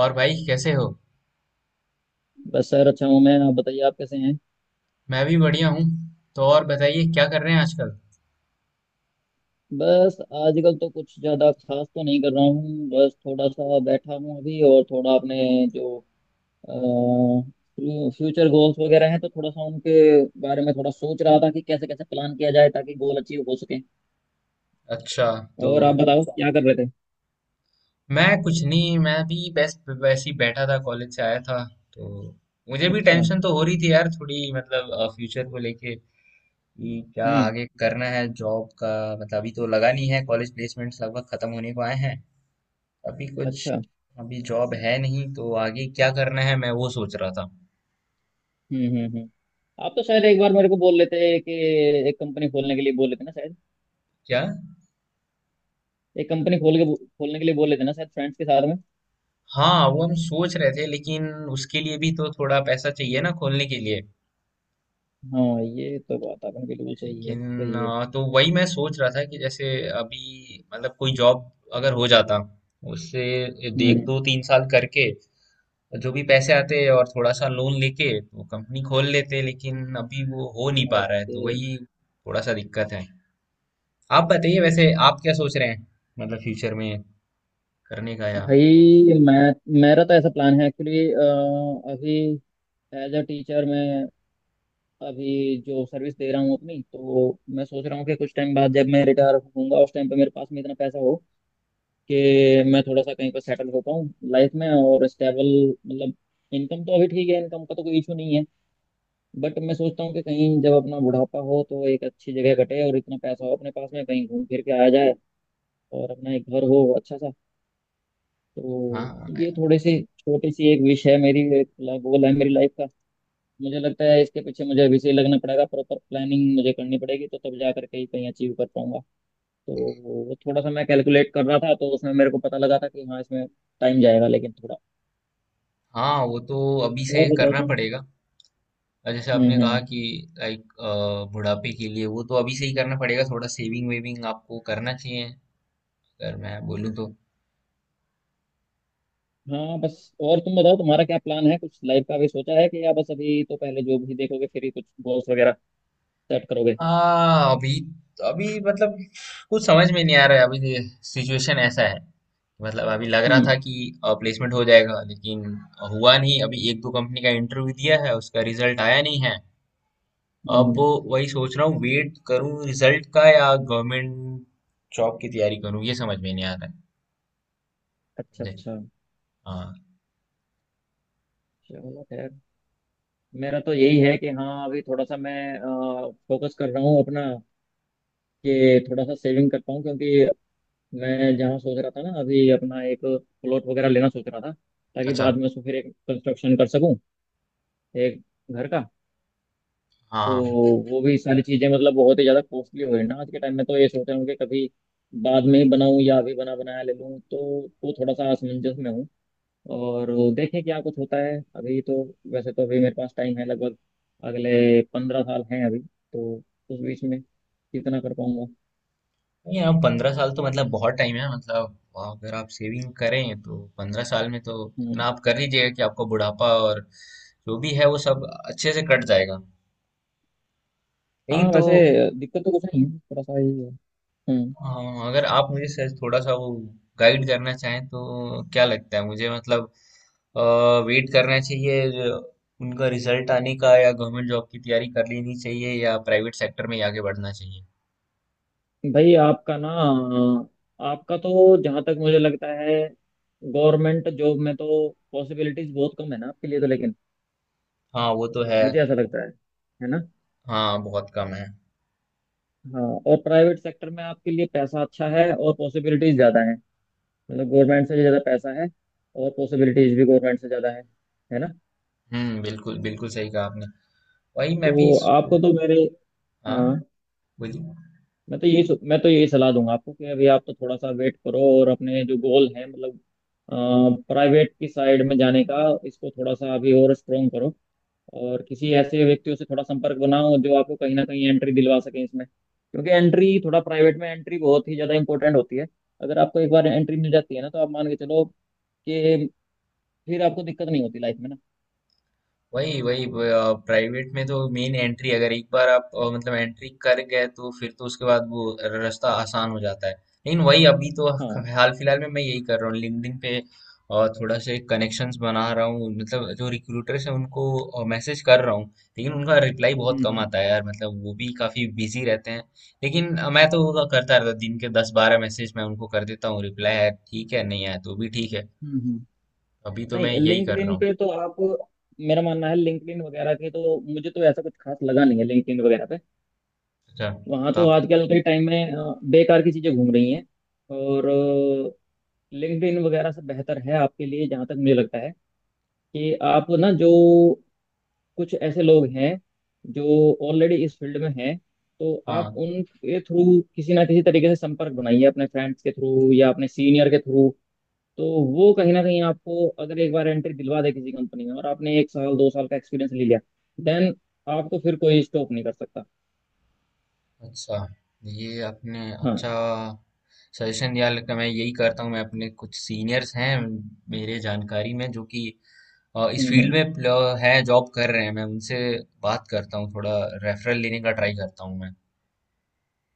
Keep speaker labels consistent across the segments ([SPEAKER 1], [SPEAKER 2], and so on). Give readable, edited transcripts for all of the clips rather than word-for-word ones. [SPEAKER 1] और भाई कैसे हो?
[SPEAKER 2] बस सर अच्छा हूँ मैं। आप बताइए, आप कैसे हैं।
[SPEAKER 1] मैं भी बढ़िया हूँ। तो और बताइए क्या कर रहे हैं आजकल?
[SPEAKER 2] बस आजकल तो कुछ ज़्यादा खास तो नहीं कर रहा हूँ। बस थोड़ा सा बैठा हूँ अभी और थोड़ा अपने जो फ्यूचर गोल्स वगैरह हैं तो थोड़ा सा उनके बारे में थोड़ा सोच रहा था कि कैसे कैसे प्लान किया जाए ताकि गोल अचीव हो सके।
[SPEAKER 1] अच्छा। तो
[SPEAKER 2] और आप बताओ, अच्छा क्या कर रहे थे।
[SPEAKER 1] मैं कुछ नहीं। मैं भी बस वैसे ही बैठा था, कॉलेज से आया था। तो मुझे भी
[SPEAKER 2] अच्छा।
[SPEAKER 1] टेंशन तो हो रही थी यार थोड़ी, मतलब फ्यूचर को लेके, कि क्या
[SPEAKER 2] हम्म।
[SPEAKER 1] आगे करना है जॉब का। मतलब अभी तो लगा नहीं है, कॉलेज प्लेसमेंट्स लगभग खत्म होने को आए हैं। अभी कुछ
[SPEAKER 2] अच्छा।
[SPEAKER 1] अभी जॉब है नहीं, तो आगे क्या करना है मैं वो सोच रहा था।
[SPEAKER 2] हम्म। आप तो शायद एक बार मेरे को बोल लेते कि एक कंपनी खोलने के लिए बोल लेते ना शायद।
[SPEAKER 1] क्या?
[SPEAKER 2] एक कंपनी खोलने के लिए बोल लेते ना शायद, फ्रेंड्स के साथ।
[SPEAKER 1] हाँ वो हम सोच रहे थे लेकिन उसके लिए भी तो थोड़ा पैसा चाहिए ना खोलने के लिए।
[SPEAKER 2] हाँ ये तो बात आपने बिल्कुल सही है,
[SPEAKER 1] लेकिन
[SPEAKER 2] सही है।
[SPEAKER 1] तो वही मैं सोच रहा था कि जैसे अभी मतलब कोई जॉब अगर हो जाता, उससे एक
[SPEAKER 2] हम्म।
[SPEAKER 1] दो तीन साल करके जो भी पैसे आते और थोड़ा सा लोन लेके तो कंपनी खोल लेते, लेकिन अभी वो हो नहीं पा रहा है
[SPEAKER 2] ओके।
[SPEAKER 1] तो वही थोड़ा सा दिक्कत है। आप बताइए वैसे आप क्या सोच रहे हैं, मतलब फ्यूचर में करने का या?
[SPEAKER 2] भाई मैं, मेरा तो ऐसा प्लान है एक्चुअली। अभी एज अ टीचर मैं अभी जो सर्विस दे रहा हूँ अपनी, तो मैं सोच रहा हूँ कि कुछ टाइम बाद जब मैं रिटायर होऊंगा उस टाइम पे मेरे पास में इतना पैसा हो कि मैं थोड़ा सा कहीं पर सेटल हो पाऊँ लाइफ में और स्टेबल। मतलब इनकम तो अभी ठीक है, इनकम का तो कोई इशू नहीं है। बट मैं सोचता हूँ कि कहीं जब अपना बुढ़ापा हो तो एक अच्छी जगह कटे और इतना पैसा हो अपने पास में कहीं घूम फिर के आया जाए, और अपना एक घर हो अच्छा सा। तो
[SPEAKER 1] हाँ,
[SPEAKER 2] ये थोड़ी सी छोटी सी एक विश है मेरी, एक गोल है मेरी लाइफ का। मुझे लगता है इसके पीछे मुझे अभी से ही लगना पड़ेगा, प्रॉपर प्लानिंग मुझे करनी पड़ेगी तो तब जा करके ही कहीं अचीव कर पाऊंगा। तो वो थोड़ा सा मैं कैलकुलेट कर रहा था तो उसमें मेरे को पता लगा था कि हाँ इसमें टाइम जाएगा, लेकिन थोड़ा।
[SPEAKER 1] हाँ, वो तो अभी
[SPEAKER 2] और
[SPEAKER 1] से
[SPEAKER 2] बताओ
[SPEAKER 1] करना
[SPEAKER 2] तुम।
[SPEAKER 1] पड़ेगा। और जैसे आपने कहा
[SPEAKER 2] हम्म।
[SPEAKER 1] कि लाइक बुढ़ापे के लिए वो तो अभी से ही करना पड़ेगा, थोड़ा सेविंग वेविंग आपको करना चाहिए अगर मैं बोलूँ तो।
[SPEAKER 2] हाँ बस, और तुम बताओ तुम्हारा क्या प्लान है, कुछ लाइफ का भी सोचा है कि या बस अभी तो पहले जो भी देखोगे फिर ही कुछ गोल्स वगैरह सेट करोगे।
[SPEAKER 1] हाँ अभी अभी मतलब कुछ समझ में नहीं आ रहा है अभी। सिचुएशन ऐसा है। मतलब अभी लग रहा
[SPEAKER 2] हम्म
[SPEAKER 1] था कि प्लेसमेंट हो जाएगा लेकिन हुआ नहीं। अभी एक दो कंपनी का इंटरव्यू दिया है, उसका रिजल्ट आया नहीं है।
[SPEAKER 2] हम्म
[SPEAKER 1] अब
[SPEAKER 2] हम्म।
[SPEAKER 1] वही सोच रहा हूँ वेट करूँ रिजल्ट का या गवर्नमेंट जॉब की तैयारी करूँ, ये समझ में नहीं आ रहा है
[SPEAKER 2] अच्छा
[SPEAKER 1] मुझे।
[SPEAKER 2] अच्छा।
[SPEAKER 1] हाँ।
[SPEAKER 2] चलो खैर। मेरा तो यही है कि हाँ अभी थोड़ा सा मैं फोकस कर रहा हूँ अपना कि थोड़ा सा सेविंग कर पाऊँ, क्योंकि मैं जहाँ सोच रहा था ना अभी अपना एक प्लॉट वगैरह लेना सोच रहा था, ताकि
[SPEAKER 1] अच्छा।
[SPEAKER 2] बाद में उसको फिर एक कंस्ट्रक्शन कर सकूँ एक घर का। तो
[SPEAKER 1] हाँ।
[SPEAKER 2] वो भी सारी चीज़ें मतलब बहुत ही ज़्यादा कॉस्टली हो रही है ना आज के टाइम में, तो ये सोच रहा हूँ कि कभी बाद में ही बनाऊँ या अभी बना बनाया ले लूँ, तो वो थोड़ा सा असमंजस में हूँ। और देखें क्या कुछ होता है अभी तो। वैसे तो अभी मेरे पास टाइम है, लगभग अगले 15 साल हैं अभी तो, उस बीच में कितना कर पाऊंगा।
[SPEAKER 1] नहीं, अब 15 साल तो मतलब बहुत टाइम है। मतलब अगर आप सेविंग करें तो 15 साल में तो इतना
[SPEAKER 2] हम्म।
[SPEAKER 1] आप कर लीजिएगा कि आपको बुढ़ापा और जो भी है वो सब अच्छे से कट जाएगा।
[SPEAKER 2] हाँ
[SPEAKER 1] लेकिन तो
[SPEAKER 2] वैसे दिक्कत तो कुछ नहीं है, थोड़ा सा ही है। हम्म।
[SPEAKER 1] अगर आप मुझे सर थोड़ा सा वो गाइड करना चाहें तो क्या लगता है मुझे, मतलब वेट करना चाहिए जो उनका रिजल्ट आने का या गवर्नमेंट जॉब की तैयारी कर लेनी चाहिए या प्राइवेट सेक्टर में ही आगे बढ़ना चाहिए?
[SPEAKER 2] भाई आपका ना, आपका तो जहाँ तक मुझे लगता है गवर्नमेंट जॉब में तो पॉसिबिलिटीज बहुत कम है ना आपके लिए तो, लेकिन
[SPEAKER 1] हाँ वो तो है।
[SPEAKER 2] मुझे ऐसा लगता है ना।
[SPEAKER 1] हाँ बहुत कम है।
[SPEAKER 2] हाँ। और प्राइवेट सेक्टर में आपके लिए पैसा अच्छा है और पॉसिबिलिटीज ज्यादा है। मतलब गवर्नमेंट से भी ज़्यादा पैसा है और पॉसिबिलिटीज भी गवर्नमेंट से ज़्यादा है ना।
[SPEAKER 1] हम्म, बिल्कुल बिल्कुल सही कहा आपने। वही मैं भी
[SPEAKER 2] तो
[SPEAKER 1] सो-
[SPEAKER 2] आपको तो मेरे, हाँ,
[SPEAKER 1] हाँ। बोलिए।
[SPEAKER 2] मैं तो यही सलाह दूंगा आपको कि अभी आप तो थोड़ा सा वेट करो और अपने जो गोल है मतलब प्राइवेट की साइड में जाने का, इसको थोड़ा सा अभी और स्ट्रोंग करो, और किसी ऐसे व्यक्तियों से थोड़ा संपर्क बनाओ जो आपको कहीं ना कहीं एंट्री दिलवा सके इसमें, क्योंकि एंट्री थोड़ा प्राइवेट में एंट्री बहुत ही ज़्यादा इंपॉर्टेंट होती है। अगर आपको एक बार एंट्री मिल जाती है ना तो आप मान के चलो कि फिर आपको दिक्कत नहीं होती लाइफ में ना।
[SPEAKER 1] वही वही। प्राइवेट में तो मेन एंट्री, अगर एक बार आप मतलब एंट्री कर गए तो फिर तो उसके बाद वो रास्ता आसान हो जाता है। लेकिन वही अभी तो
[SPEAKER 2] हाँ।
[SPEAKER 1] हाल फिलहाल में मैं यही कर रहा हूँ लिंक्डइन पे, थोड़ा से कनेक्शंस बना रहा हूँ, मतलब जो रिक्रूटर्स हैं उनको मैसेज कर रहा हूँ। लेकिन उनका रिप्लाई बहुत
[SPEAKER 2] हम्म
[SPEAKER 1] कम
[SPEAKER 2] हम्म।
[SPEAKER 1] आता है यार, मतलब वो भी काफी बिजी रहते हैं। लेकिन मैं तो वो करता रहता हूँ, दिन के दस बारह मैसेज मैं उनको कर देता हूँ, रिप्लाई है ठीक है, नहीं आया तो भी ठीक है।
[SPEAKER 2] हम्म हम्म।
[SPEAKER 1] अभी तो मैं
[SPEAKER 2] नहीं,
[SPEAKER 1] यही कर रहा
[SPEAKER 2] लिंक्डइन
[SPEAKER 1] हूँ।
[SPEAKER 2] पे तो आप, मेरा मानना है लिंक्डइन वगैरह के तो मुझे तो ऐसा कुछ खास लगा नहीं है लिंक्डइन वगैरह पे।
[SPEAKER 1] अच्छा।
[SPEAKER 2] वहाँ
[SPEAKER 1] तो
[SPEAKER 2] तो
[SPEAKER 1] आप।
[SPEAKER 2] आजकल के टाइम में बेकार की चीजें घूम रही हैं। और लिंक्डइन वगैरह से बेहतर है आपके लिए, जहाँ तक मुझे लगता है, कि आप ना जो कुछ ऐसे लोग हैं जो ऑलरेडी इस फील्ड में हैं, तो आप
[SPEAKER 1] हाँ।
[SPEAKER 2] उनके थ्रू किसी ना किसी तरीके से संपर्क बनाइए, अपने फ्रेंड्स के थ्रू या अपने सीनियर के थ्रू। तो वो कहीं ना कहीं आपको अगर एक बार एंट्री दिलवा दे किसी कंपनी में और आपने 1-2 साल का एक्सपीरियंस ले लिया, देन आपको फिर कोई स्टॉप नहीं कर सकता।
[SPEAKER 1] अच्छा। ये आपने
[SPEAKER 2] हाँ।
[SPEAKER 1] अच्छा सजेशन दिया लगता, मैं यही करता हूँ। मैं अपने कुछ सीनियर्स हैं मेरे जानकारी में जो कि इस
[SPEAKER 2] हम्म
[SPEAKER 1] फील्ड
[SPEAKER 2] हम्म,
[SPEAKER 1] में है जॉब कर रहे हैं, मैं उनसे बात करता हूँ थोड़ा, रेफरल लेने का ट्राई करता हूँ मैं।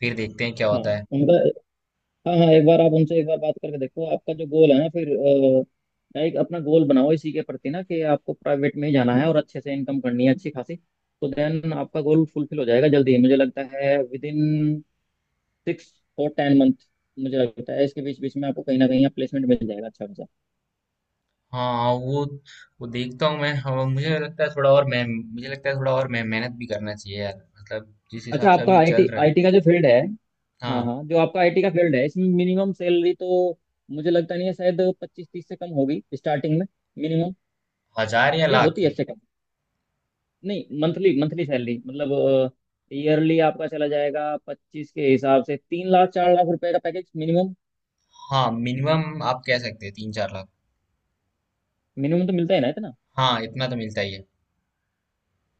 [SPEAKER 1] फिर देखते हैं क्या
[SPEAKER 2] हाँ।
[SPEAKER 1] होता है।
[SPEAKER 2] उनका, हाँ हाँ, एक बार आप उनसे एक बार बात करके देखो। आपका जो गोल है ना फिर, लाइक अपना गोल बनाओ इसी के प्रति ना कि आपको प्राइवेट में ही जाना है और अच्छे से इनकम करनी है अच्छी खासी, तो देन आपका गोल फुलफिल हो जाएगा जल्दी ही। मुझे लगता है विद इन 6-10 मंथ, मुझे लगता है इसके बीच बीच में आपको कहीं ना कहीं प्लेसमेंट मिल जाएगा अच्छा खासा।
[SPEAKER 1] हाँ, हाँ, वो देखता हूँ मैं। हाँ, मुझे लगता है थोड़ा और मैं मेहनत भी करना चाहिए यार, मतलब जिस हिसाब
[SPEAKER 2] अच्छा,
[SPEAKER 1] से
[SPEAKER 2] आपका
[SPEAKER 1] अभी
[SPEAKER 2] आईटी
[SPEAKER 1] चल रहा है।
[SPEAKER 2] आईटी का जो फील्ड है, हाँ
[SPEAKER 1] हाँ।
[SPEAKER 2] हाँ, जो आपका आईटी का फील्ड है, इसमें मिनिमम सैलरी तो मुझे लगता नहीं है शायद 25-30 से कम होगी स्टार्टिंग में मिनिमम,
[SPEAKER 1] हजार या
[SPEAKER 2] या होती
[SPEAKER 1] लाख?
[SPEAKER 2] है इससे कम। नहीं, मंथली मंथली सैलरी, मतलब ईयरली आपका चला जाएगा 25 के हिसाब से 3 लाख 4 लाख रुपए का पैकेज मिनिमम।
[SPEAKER 1] हाँ मिनिमम आप कह सकते हैं तीन चार लाख।
[SPEAKER 2] मिनिमम तो मिलता है ना इतना।
[SPEAKER 1] हाँ इतना तो मिलता ही है।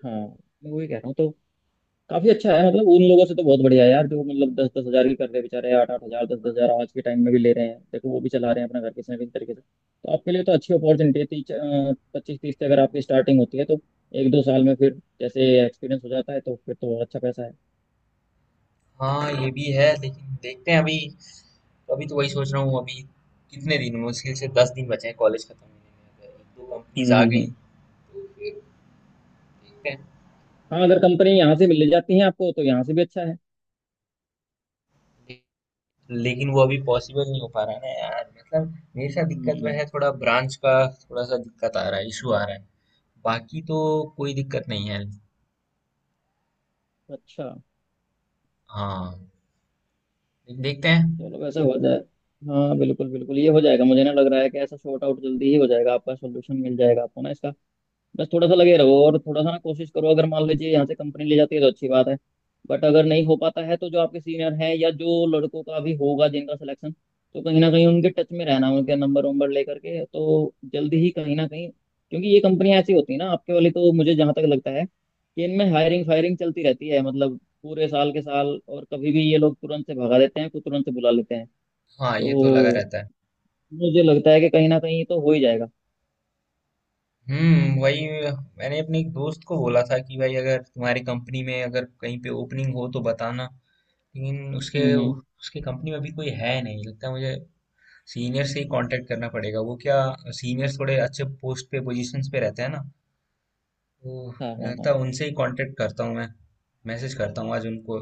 [SPEAKER 2] हाँ, मैं वही कह रहा हूँ तो। काफी अच्छा है, मतलब उन लोगों से तो बहुत बढ़िया है यार जो मतलब 10-10 हजार की कर रहे हैं बेचारे, 8-8 हजार 10-10 हजार आज के टाइम में भी ले रहे हैं, देखो वो भी चला रहे हैं अपना घर किसी ना किसी तरीके से। तो आपके लिए तो अच्छी अपॉर्चुनिटी है, तीस पच्चीस तीस से अगर आपकी स्टार्टिंग होती है तो 1-2 साल में फिर जैसे एक्सपीरियंस हो जाता है तो फिर तो और अच्छा पैसा है।
[SPEAKER 1] हाँ ये भी है, लेकिन देखते हैं अभी। अभी तो वही सोच रहा हूँ अभी, कितने दिन मुश्किल से 10 दिन बचे हैं कॉलेज खत्म होने में, अगर एक दो कंपनीज आ गई।
[SPEAKER 2] हम्म।
[SPEAKER 1] देखते हैं।
[SPEAKER 2] हाँ, अगर कंपनी यहाँ से मिल ले जाती है आपको तो यहाँ से भी अच्छा है।
[SPEAKER 1] लेकिन वो अभी पॉसिबल नहीं हो पा रहा है ना यार, मतलब मेरे साथ दिक्कत वह
[SPEAKER 2] हम्म।
[SPEAKER 1] है थोड़ा ब्रांच का थोड़ा सा दिक्कत आ रहा है, इशू आ रहा है। बाकी तो कोई दिक्कत नहीं है।
[SPEAKER 2] अच्छा।
[SPEAKER 1] हाँ। लेकिन देखते हैं।
[SPEAKER 2] चलो वैसा हो जाए। हाँ बिल्कुल बिल्कुल, ये हो जाएगा, मुझे ना लग रहा है कि ऐसा शॉर्ट आउट जल्दी ही हो जाएगा, आपका सोल्यूशन मिल जाएगा आपको ना इसका। बस थोड़ा सा लगे रहो और थोड़ा सा ना कोशिश करो। अगर मान लीजिए यहाँ से कंपनी ले जाती है तो अच्छी बात है, बट अगर नहीं हो पाता है तो जो आपके सीनियर हैं या जो लड़कों का भी होगा जिनका सिलेक्शन, तो कहीं ना कहीं उनके टच में रहना, उनके नंबर वंबर लेकर के, तो जल्दी ही कहीं ना कहीं। क्योंकि ये कंपनियां ऐसी होती है ना आपके वाली, तो मुझे जहां तक लगता है कि इनमें हायरिंग फायरिंग चलती रहती है, मतलब पूरे साल के साल, और कभी भी ये लोग तुरंत से भगा देते हैं, कुछ तुरंत से बुला लेते हैं।
[SPEAKER 1] हाँ ये तो लगा
[SPEAKER 2] तो
[SPEAKER 1] रहता है।
[SPEAKER 2] मुझे लगता है कि कहीं ना कहीं तो हो ही जाएगा।
[SPEAKER 1] वही। मैंने अपने एक दोस्त को बोला था कि भाई अगर तुम्हारी कंपनी में अगर कहीं पे ओपनिंग हो तो बताना। लेकिन उसके
[SPEAKER 2] हम्म।
[SPEAKER 1] उसके कंपनी में अभी कोई है नहीं लगता है मुझे। सीनियर से ही कांटेक्ट करना पड़ेगा। वो क्या, सीनियर थोड़े अच्छे पोस्ट पे पोजीशंस पे रहते हैं ना, तो
[SPEAKER 2] हाँ
[SPEAKER 1] मुझे
[SPEAKER 2] हाँ
[SPEAKER 1] लगता
[SPEAKER 2] हाँ।
[SPEAKER 1] है उनसे ही कांटेक्ट करता हूँ मैं, मैसेज करता हूँ आज उनको।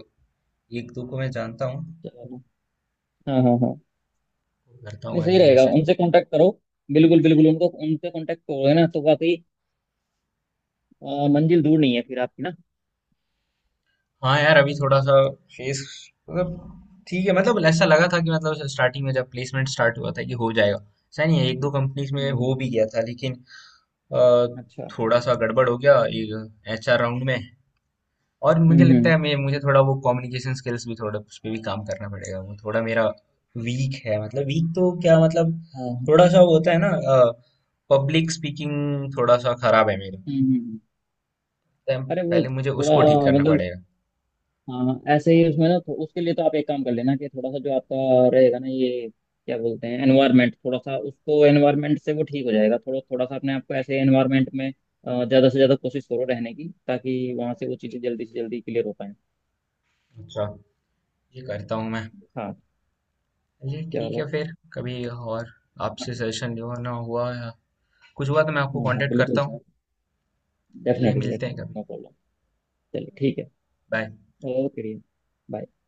[SPEAKER 1] एक दो को मैं जानता हूँ।
[SPEAKER 2] चलो। हाँ हाँ हाँ।
[SPEAKER 1] करता
[SPEAKER 2] नहीं,
[SPEAKER 1] हूँ आज
[SPEAKER 2] सही
[SPEAKER 1] मैं
[SPEAKER 2] रहेगा,
[SPEAKER 1] मैसेज।
[SPEAKER 2] उनसे कांटेक्ट करो। बिल्कुल बिल्कुल, उनको उनसे कांटेक्ट करोगे ना तो वाकई मंजिल दूर नहीं है फिर आपकी ना।
[SPEAKER 1] हाँ यार अभी थोड़ा सा फेस, मतलब ठीक है, मतलब ऐसा लगा था कि मतलब स्टार्टिंग में जब प्लेसमेंट स्टार्ट हुआ था कि हो जाएगा, ऐसा नहीं है, एक दो कंपनीज में हो
[SPEAKER 2] हम्म,
[SPEAKER 1] भी गया था लेकिन अ,
[SPEAKER 2] अच्छा।
[SPEAKER 1] थोड़ा सा गड़बड़ हो गया एचआर राउंड में। और मुझे लगता
[SPEAKER 2] हम्म,
[SPEAKER 1] है मैं मुझे थोड़ा वो कम्युनिकेशन स्किल्स भी थोड़ा उस पर भी काम करना पड़ेगा, वो थोड़ा मेरा वीक है, मतलब वीक तो क्या मतलब
[SPEAKER 2] हाँ।
[SPEAKER 1] थोड़ा सा वो होता है ना, पब्लिक स्पीकिंग थोड़ा सा खराब है मेरा,
[SPEAKER 2] हम्म।
[SPEAKER 1] तो
[SPEAKER 2] अरे वो
[SPEAKER 1] पहले मुझे
[SPEAKER 2] थोड़ा,
[SPEAKER 1] उसको ठीक करना
[SPEAKER 2] मतलब
[SPEAKER 1] पड़ेगा।
[SPEAKER 2] हाँ हाँ। ऐसे ही उसमें ना, तो उसके लिए तो आप एक काम कर लेना कि थोड़ा सा जो आपका रहेगा ना ये क्या बोलते हैं एनवायरनमेंट, थोड़ा सा उसको एनवायरनमेंट से वो ठीक हो जाएगा, थोड़ा थोड़ा सा अपने आपको ऐसे एनवायरनमेंट में ज्यादा से ज्यादा कोशिश करो रहने की, ताकि वहां से वो चीजें जल्दी से जल्दी क्लियर हो पाए।
[SPEAKER 1] अच्छा। ये करता हूँ मैं।
[SPEAKER 2] हाँ।
[SPEAKER 1] चलिए ठीक है,
[SPEAKER 2] चलो।
[SPEAKER 1] फिर कभी और आपसे
[SPEAKER 2] हाँ
[SPEAKER 1] सजेशन लेना हुआ या कुछ हुआ तो मैं आपको
[SPEAKER 2] हाँ हाँ
[SPEAKER 1] कांटेक्ट
[SPEAKER 2] बिल्कुल
[SPEAKER 1] करता हूँ।
[SPEAKER 2] सर,
[SPEAKER 1] चलिए
[SPEAKER 2] डेफिनेटली
[SPEAKER 1] मिलते
[SPEAKER 2] डेफिनेटली,
[SPEAKER 1] हैं कभी।
[SPEAKER 2] No problem. चलिए ठीक है।
[SPEAKER 1] बाय।
[SPEAKER 2] ओके। बाय।